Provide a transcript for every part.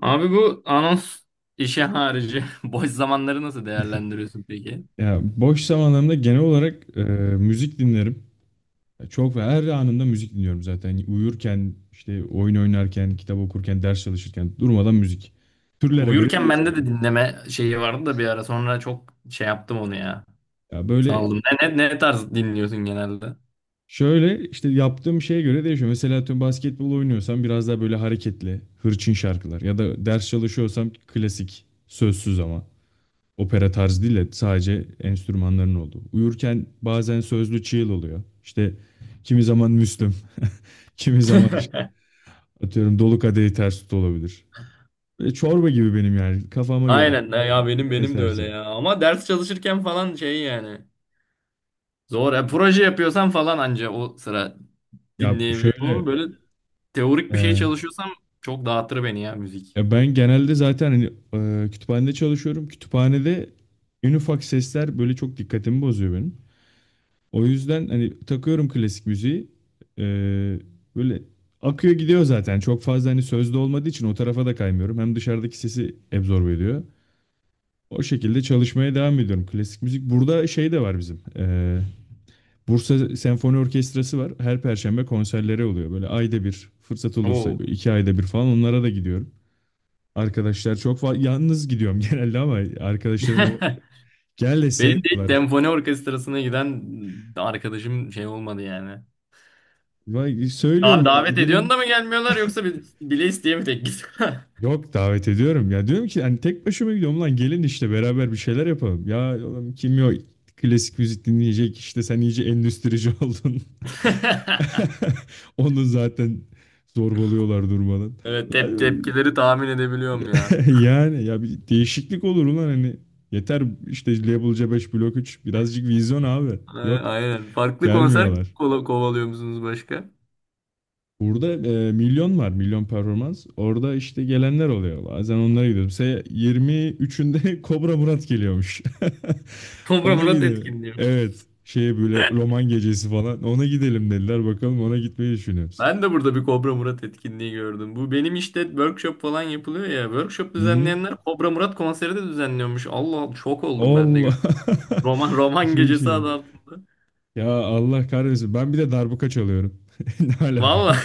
Abi bu anons işi harici boş zamanları nasıl değerlendiriyorsun peki? Ya boş zamanlarımda genel olarak müzik dinlerim. Ya çok ve her anında müzik dinliyorum zaten. Uyurken, işte oyun oynarken, kitap okurken, ders çalışırken durmadan müzik. Türlere göre Uyurken değişiyor bende de tabii. dinleme şeyi vardı da bir ara sonra çok şey yaptım onu ya. Ya böyle Saldım. Ne tarz dinliyorsun genelde? şöyle işte yaptığım şeye göre değişiyor. Mesela atıyorum basketbol oynuyorsam biraz daha böyle hareketli, hırçın şarkılar ya da ders çalışıyorsam klasik, sözsüz ama. Opera tarzı değil de sadece enstrümanların olduğu. Uyurken bazen sözlü çığıl oluyor. İşte kimi zaman Müslüm, kimi zaman işte atıyorum Dolu Kadehi Ters Tut olabilir. Böyle çorba gibi benim yani kafama göre ya da Aynen ya ne benim de öyle eserse. ya. Ama ders çalışırken falan şey yani. Zor. Ya, proje yapıyorsam falan anca o sıra Ya dinleyebiliyorum ama şöyle böyle teorik bir şey e, çalışıyorsam çok dağıtır beni ya müzik. ya ben genelde zaten hani, kütüphanede çalışıyorum. Kütüphanede en ufak sesler böyle çok dikkatimi bozuyor benim. O yüzden hani takıyorum klasik müziği. Ee, Böyle akıyor gidiyor zaten. Çok fazla hani sözde olmadığı için o tarafa da kaymıyorum. Hem dışarıdaki sesi absorbe ediyor. O şekilde çalışmaya devam ediyorum. Klasik müzik. Burada şey de var bizim. Bursa Senfoni Orkestrası var. Her perşembe konserleri oluyor. Böyle ayda bir fırsat olursa Oo. böyle 2 ayda bir falan onlara da gidiyorum. Arkadaşlar çok yalnız gidiyorum genelde ama arkadaşlarım o gel de Benim de hiç sevmiyorlar. senfoni orkestrasına giden arkadaşım şey olmadı yani. Vay, söylüyorum Abi hani davet ediyorsun gidelim. da mı gelmiyorlar yoksa bile isteye mi tek git? Yok, davet ediyorum ya, diyorum ki hani tek başıma gidiyorum lan, gelin işte beraber bir şeyler yapalım. Ya oğlum, kim yok klasik müzik dinleyecek, işte sen iyice endüstrici oldun. Onu zaten zorbalıyorlar durmadan. Evet tep Yani, tepkileri tahmin edebiliyorum ya. yani ya bir değişiklik olur ulan, hani yeter işte, Label C5 Blok üç, birazcık vizyon abi. Yok, Aynen. Farklı konser gelmiyorlar. Kovalıyor musunuz başka? Burada milyon var, milyon performans. Orada işte gelenler oluyor. Bazen onlara gidiyorum. Mesela 23'ünde Kobra Murat geliyormuş. Kobra Ona Murat gidelim. etkinliği. Evet. Şeye böyle roman gecesi falan. Ona gidelim dediler. Bakalım, ona gitmeyi düşünüyoruz. Ben de burada bir Kobra Murat etkinliği gördüm. Bu benim işte workshop falan yapılıyor ya. Workshop Hı hı. düzenleyenler Kobra Murat konseri de düzenliyormuş. Allah şok oldum ben de. Allah. Roman roman Çok gecesi iyi. adı altında. Ya Allah kahretsin. Ben bir de darbuka çalıyorum. Ne alaka? Vallahi.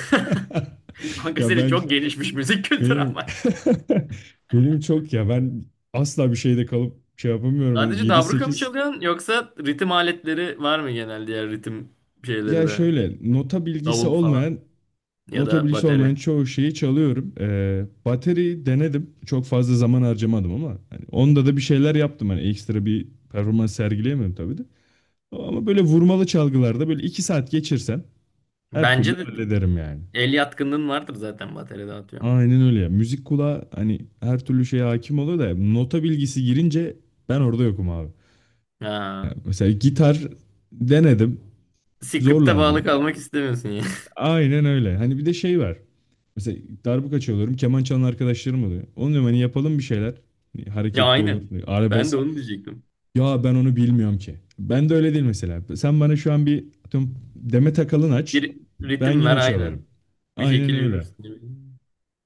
Kanka Ya senin ben çok gelişmiş müzik kültürü Benim ama. benim çok ya ben asla bir şeyde kalıp şey yapamıyorum. Yani Sadece dabruka mı 7-8 çalıyorsun yoksa ritim aletleri var mı genel diğer ritim şeyleri ya de? şöyle nota bilgisi Davul falan olmayan ya nota da bilgisi olmayan bateri. çoğu şeyi çalıyorum. Bateri denedim. Çok fazla zaman harcamadım ama hani onda da bir şeyler yaptım. Hani ekstra bir performans sergileyemem tabii de. Ama böyle vurmalı çalgılarda böyle 2 saat geçirsem her türlü Bence de hallederim yani. el yatkınlığın vardır zaten bateride atıyorum. Aynen öyle ya. Müzik kulağı hani her türlü şeye hakim oluyor da nota bilgisi girince ben orada yokum abi. Ya Ha. mesela gitar denedim, Script'e zorlandım bağlı yani. kalmak istemiyorsun ya. Aynen öyle. Hani bir de şey var. Mesela darbuka çalıyorum, keman çalan arkadaşlarım oluyor. Onu diyorum hani yapalım bir şeyler. Hani Ya hareketli olur, aynen. hani Ben de arabesk. onu diyecektim. Ya ben onu bilmiyorum ki. Ben de öyle değil mesela. Sen bana şu an bir atıyorum, Demet Akalın aç, Bir ben ritim ver yine aynen. çalarım. Bir şekil Aynen öyle. yürürsün gibi.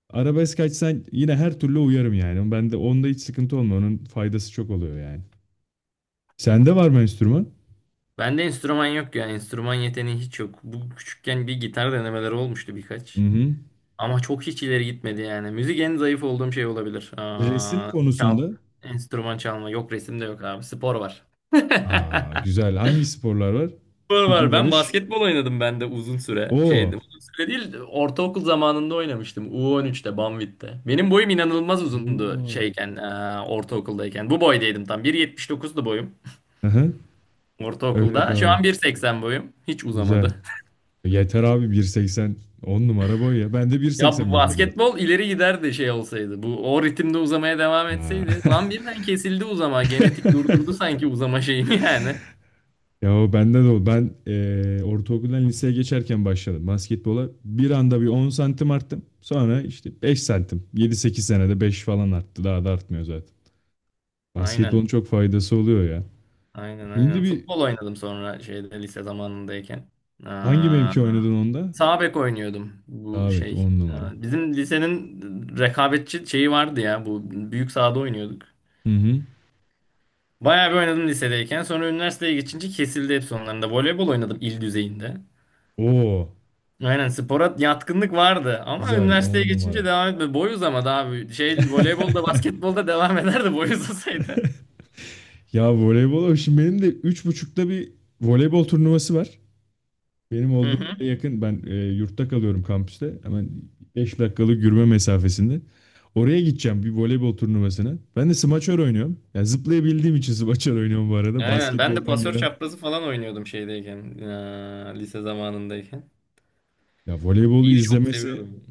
Arabesk açsan yine her türlü uyarım yani. Ben de onda hiç sıkıntı olmuyor. Onun faydası çok oluyor yani. Sende var mı enstrüman? Bende enstrüman yok ya. Enstrüman yeteneği hiç yok. Bu küçükken bir gitar denemeleri olmuştu Hı birkaç. hı. Ama çok hiç ileri gitmedi yani. Müzik en zayıf olduğum şey olabilir. Resim Aa, çal, konusunda. enstrüman çalma. Yok, resim de yok abi. Spor var. Aa, güzel. Hangi sporlar var? Spor var. Tüple Ben dalış. basketbol oynadım ben de uzun süre. Şeydi, Oo. uzun süre değil. Ortaokul zamanında oynamıştım. U13'te, Banvit'te. Benim boyum inanılmaz Oo uzundu abi. şeyken, ortaokuldayken. Bu boydaydım tam. 1.79'du boyum Hı. Öyle ortaokulda. Şu kaldı. an 1,80 boyum. Hiç Güzel. uzamadı. Yeter abi, 1.80. 10 numara boy ya. Ben de Ya bu 1.85'im zaten. basketbol ileri giderdi şey olsaydı. Bu o ritimde uzamaya devam Ha. etseydi. Lan birden kesildi uzama. Genetik durdurdu sanki uzama şeyini yani. Ya o bende de o. Ben ortaokuldan liseye geçerken başladım basketbola. Bir anda bir 10 santim arttım. Sonra işte 5 santim. 7-8 senede 5 falan arttı. Daha da artmıyor zaten. Basketbolun Aynen. çok faydası oluyor ya. Aynen, Şimdi aynen. bir Futbol oynadım sonra şeyde lise zamanındayken. hangi Aa, mevki oynadın onda? sağ bek oynuyordum. Bu Daha belki şey. 10 numara. Bizim lisenin rekabetçi şeyi vardı ya. Bu büyük sahada oynuyorduk. Hı hı. Bayağı bir oynadım lisedeyken. Sonra üniversiteye geçince kesildi hepsi onların da. Voleybol oynadım il düzeyinde. Oo, Aynen, spora yatkınlık vardı ama güzel üniversiteye 10 geçince numara. devam etmedi. Boy uzamadı abi. Şey voleybolda basketbolda devam ederdi boy uzasaydı. Ya voleybola, şimdi benim de 3.30'da bir voleybol turnuvası var. Benim Hı olduğum hı. yere yakın. Ben yurtta kalıyorum kampüste. Hemen 5 dakikalık yürüme mesafesinde. Oraya gideceğim bir voleybol turnuvasına. Ben de smaçör oynuyorum. Yani zıplayabildiğim için smaçör oynuyorum bu arada. Aynen ben de Basketboldan pasör gelen. çaprazı falan oynuyordum şeydeyken. Lise zamanındayken. Ya voleybolu İyi, çok izlemesi seviyordum.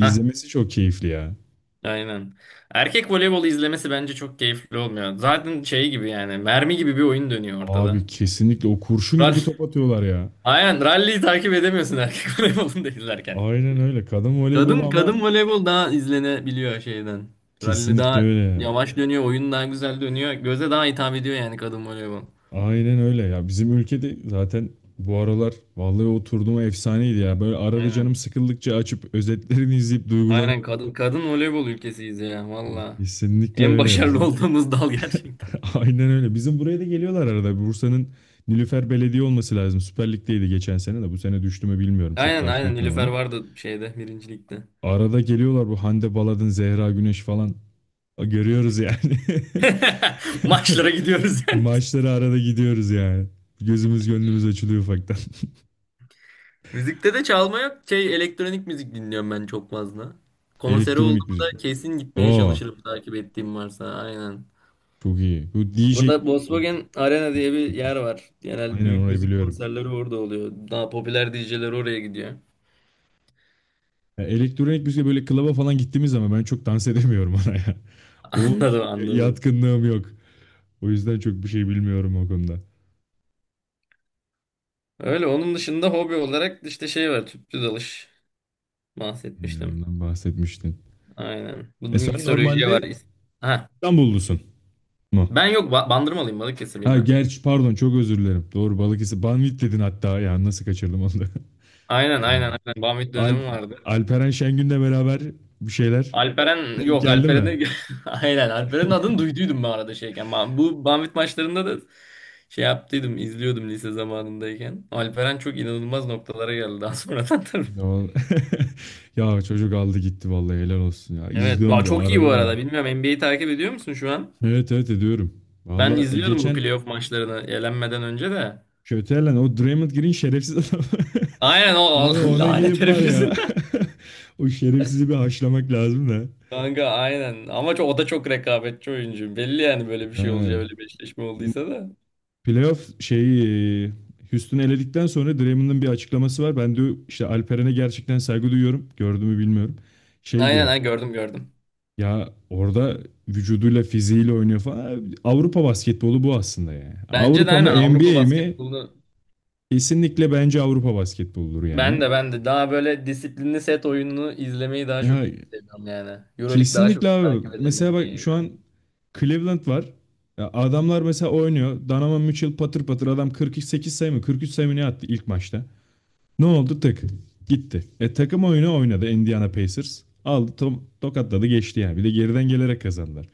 Hah, çok keyifli ya. aynen. Erkek voleybolu izlemesi bence çok keyifli olmuyor. Zaten şey gibi yani, mermi gibi bir oyun dönüyor Abi ortada. kesinlikle, o kurşun gibi Rally. top atıyorlar ya. Aynen rally'yi takip edemiyorsun erkek voleybolunu da izlerken. Aynen öyle. Kadın voleybolu Kadın ama kadın voleybol daha izlenebiliyor şeyden. Rally kesinlikle daha öyle ya. yavaş dönüyor, oyun daha güzel dönüyor. Göze daha hitap ediyor yani kadın voleybol. Aynen öyle ya. Bizim ülkede zaten bu aralar vallahi oturduğuma efsaneydi ya. Böyle arada canım Aynen. sıkıldıkça açıp özetlerini izleyip Aynen, duygulanıyorum. kadın voleybol ülkesiyiz ya valla. Kesinlikle En öyle ya başarılı bizim. olduğumuz dal gerçekten. Aynen öyle. Bizim buraya da geliyorlar arada. Bursa'nın Nilüfer Belediye olması lazım. Süper Lig'deydi geçen sene de. Bu sene düştü mü bilmiyorum. Çok Aynen, takip aynen, etmiyorum Nilüfer onu. vardı şeyde birincilikte. Arada geliyorlar, bu Hande Baladın, Zehra Güneş falan. Görüyoruz yani. Maçlara gidiyoruz yani. Maçlara arada gidiyoruz yani. Gözümüz gönlümüz açılıyor ufaktan. Müzikte de çalma yok. Şey, elektronik müzik dinliyorum ben çok fazla. Konseri Elektronik olduğumda müzik. kesin gitmeye Aa, çalışırım takip ettiğim varsa. Aynen. çok iyi. Bu DJ. Burada Volkswagen Arena diye bir yer var. Genel Aynen, büyük orayı müzik biliyorum. konserleri orada oluyor. Daha popüler DJ'ler oraya gidiyor. Ya elektronik müzik, böyle klaba falan gittiğimiz zaman ben çok dans edemiyorum oraya. O Anladım, çok anladım. yatkınlığım yok. O yüzden çok bir şey bilmiyorum o konuda. Öyle, onun dışında hobi olarak işte şey var. Tüplü dalış Yani bahsetmiştim. ondan bahsetmiştin. Aynen. Bu E sen miksolojiye var. normalde Ha. İstanbullusun mu? Ben yok Bandırmalıyım, Balıkesirliyim Ha, ben. gerçi pardon, çok özür dilerim. Doğru, Balıkesir. Banvit dedin hatta ya, nasıl kaçırdım onu da. Aynen, aynen, aynen. Bamit Alp, dönemi vardı. Alperen Şengün'le beraber bir şeyler Alperen, denk yok, geldi mi? Alperen'i aynen, Alperen'in adını duyduydum ben arada şeyken. Ben, bu Banvit maçlarında da şey yaptıydım, izliyordum lise zamanındayken. Alperen çok inanılmaz noktalara geldi daha sonradan Ne tabii. ol- Ya çocuk aldı gitti vallahi, helal olsun ya. Evet İzliyorum daha bu çok iyi, bu arada da. arada bilmiyorum, NBA'yi takip ediyor musun şu an? Evet, evet ediyorum. Ben Vallahi izliyordum bu geçen playoff maçlarını elenmeden önce de. Kötelen o Draymond Green şerefsiz adam. Aynen, o Ona ona lanet gelip var herif ya. yüzünden. O şerefsizi bir haşlamak lazım da. Kanka aynen ama çok, o da çok rekabetçi oyuncu. Belli yani böyle bir Ya. şey olacağı, öyle bir eşleşme olduysa da. Playoff şeyi, Houston'ı eledikten sonra Draymond'ın bir açıklaması var. Ben diyor işte Alperen'e gerçekten saygı duyuyorum. Gördüğümü bilmiyorum. Şey Aynen, diyor. ha, gördüm, gördüm. Ya orada vücuduyla fiziğiyle oynuyor falan. Avrupa basketbolu bu aslında yani. Bence de Avrupa mı aynen Avrupa NBA mi? basketbolu. Kesinlikle bence Avrupa basketboludur Ben yani. de ben de daha böyle disiplinli set oyununu izlemeyi daha çok Ya seviyorum yani. EuroLeague daha kesinlikle çok abi. takip ederim Mesela bak NBA'ye şu göre. an Cleveland var. Ya adamlar mesela oynuyor. Donovan Mitchell patır patır adam, 48 sayı mı, 43 sayı mı ne attı ilk maçta. Ne oldu? Tık. Gitti. Takım oyunu oynadı Indiana Pacers. Aldı tokatladı geçti yani. Bir de geriden gelerek kazandılar.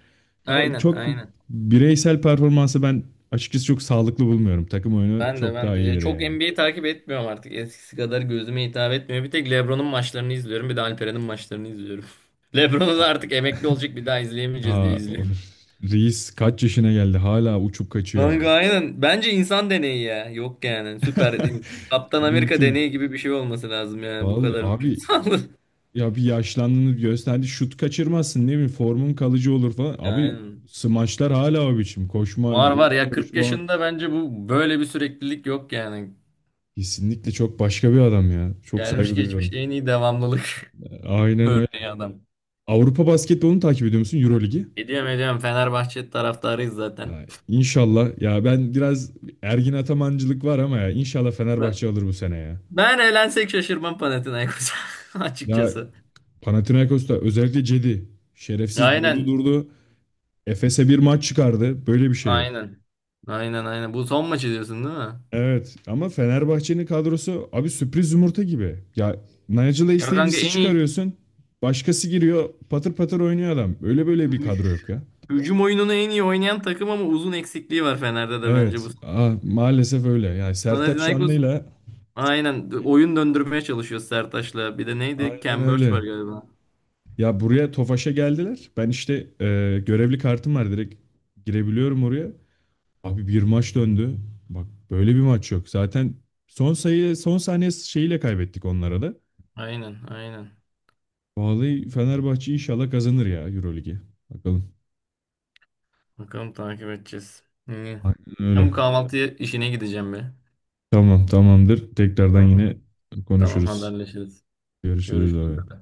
Ya o Aynen, çok aynen. bireysel performansı ben açıkçası çok sağlıklı bulmuyorum. Takım oyunu Ben de, çok ben daha de. Ya iyidir çok yani. NBA takip etmiyorum artık. Eskisi kadar gözüme hitap etmiyor. Bir tek LeBron'un maçlarını izliyorum. Bir de Alperen'in maçlarını izliyorum. LeBron'u da A- artık emekli olacak, bir daha izleyemeyeceğiz diye Ha, of. izliyorum. Reis kaç yaşına geldi, hala uçup kaçıyor ya. Kanka aynen. Bence insan deneyi ya. Yok yani. Süper. Kaptan Amerika deneyi Mümkün. gibi bir şey olması lazım yani. Bu Vallahi kadar abi, böyle. ya bir yaşlandığını gösterdi. Şut kaçırmazsın ne bileyim, formun kalıcı olur falan. Abi Aynen. smaçlar hala o biçim. Koşma, Var var oyun ya, 40 görüşü falan. yaşında bence bu, böyle bir süreklilik yok yani. Kesinlikle çok başka bir adam ya. Çok Gelmiş saygı geçmiş duyuyorum. en iyi devamlılık Aynen öyle. örneği adam. Avrupa basketbolunu takip ediyor musun? Euroligi? Ediyorum, ediyorum, Fenerbahçe taraftarıyız zaten. Ya inşallah. Ya ben biraz Ergin Atamancılık var ama ya inşallah Ben, Fenerbahçe alır bu sene ya. ben eğlensek şaşırmam Panathinaikos'a Ya açıkçası. Panathinaikos'ta özellikle Cedi şerefsiz durdu Aynen, durdu. Efes'e bir maç çıkardı. Böyle bir şey yok. aynen. Aynen, aynen. Bu son maçı diyorsun değil mi? Evet ama Fenerbahçe'nin kadrosu abi sürpriz yumurta gibi. Ya Nigel Ya kanka Davis'i en iyi çıkarıyorsun. Başkası giriyor, patır patır oynuyor adam. Öyle böyle bir hü- kadro yok ya. hücum oyununu en iyi oynayan takım ama uzun eksikliği var Fener'de de bence bu. Evet, maalesef öyle. Yani Sertaç Panathinaikos Şanlı'yla aynen oyun döndürmeye çalışıyor Sertaç'la. Bir de neydi? aynen Cambridge öyle. var galiba. Ya buraya Tofaş'a geldiler. Ben işte görevli kartım var, direkt girebiliyorum oraya. Abi bir maç döndü. Bak, böyle bir maç yok. Zaten son sayı son saniye şeyiyle kaybettik onlara da. Aynen, aynen. Vallahi Fenerbahçe inşallah kazanır ya Euroligi. Bakalım. Bakalım, takip edeceğiz. İyi. Aynen Ben bu öyle. kahvaltı işine gideceğim be. Tamam, tamamdır. Tekrardan Tamam, yine tamam, konuşuruz. haberleşiriz. Görüşürüz Görüşürüz. abi.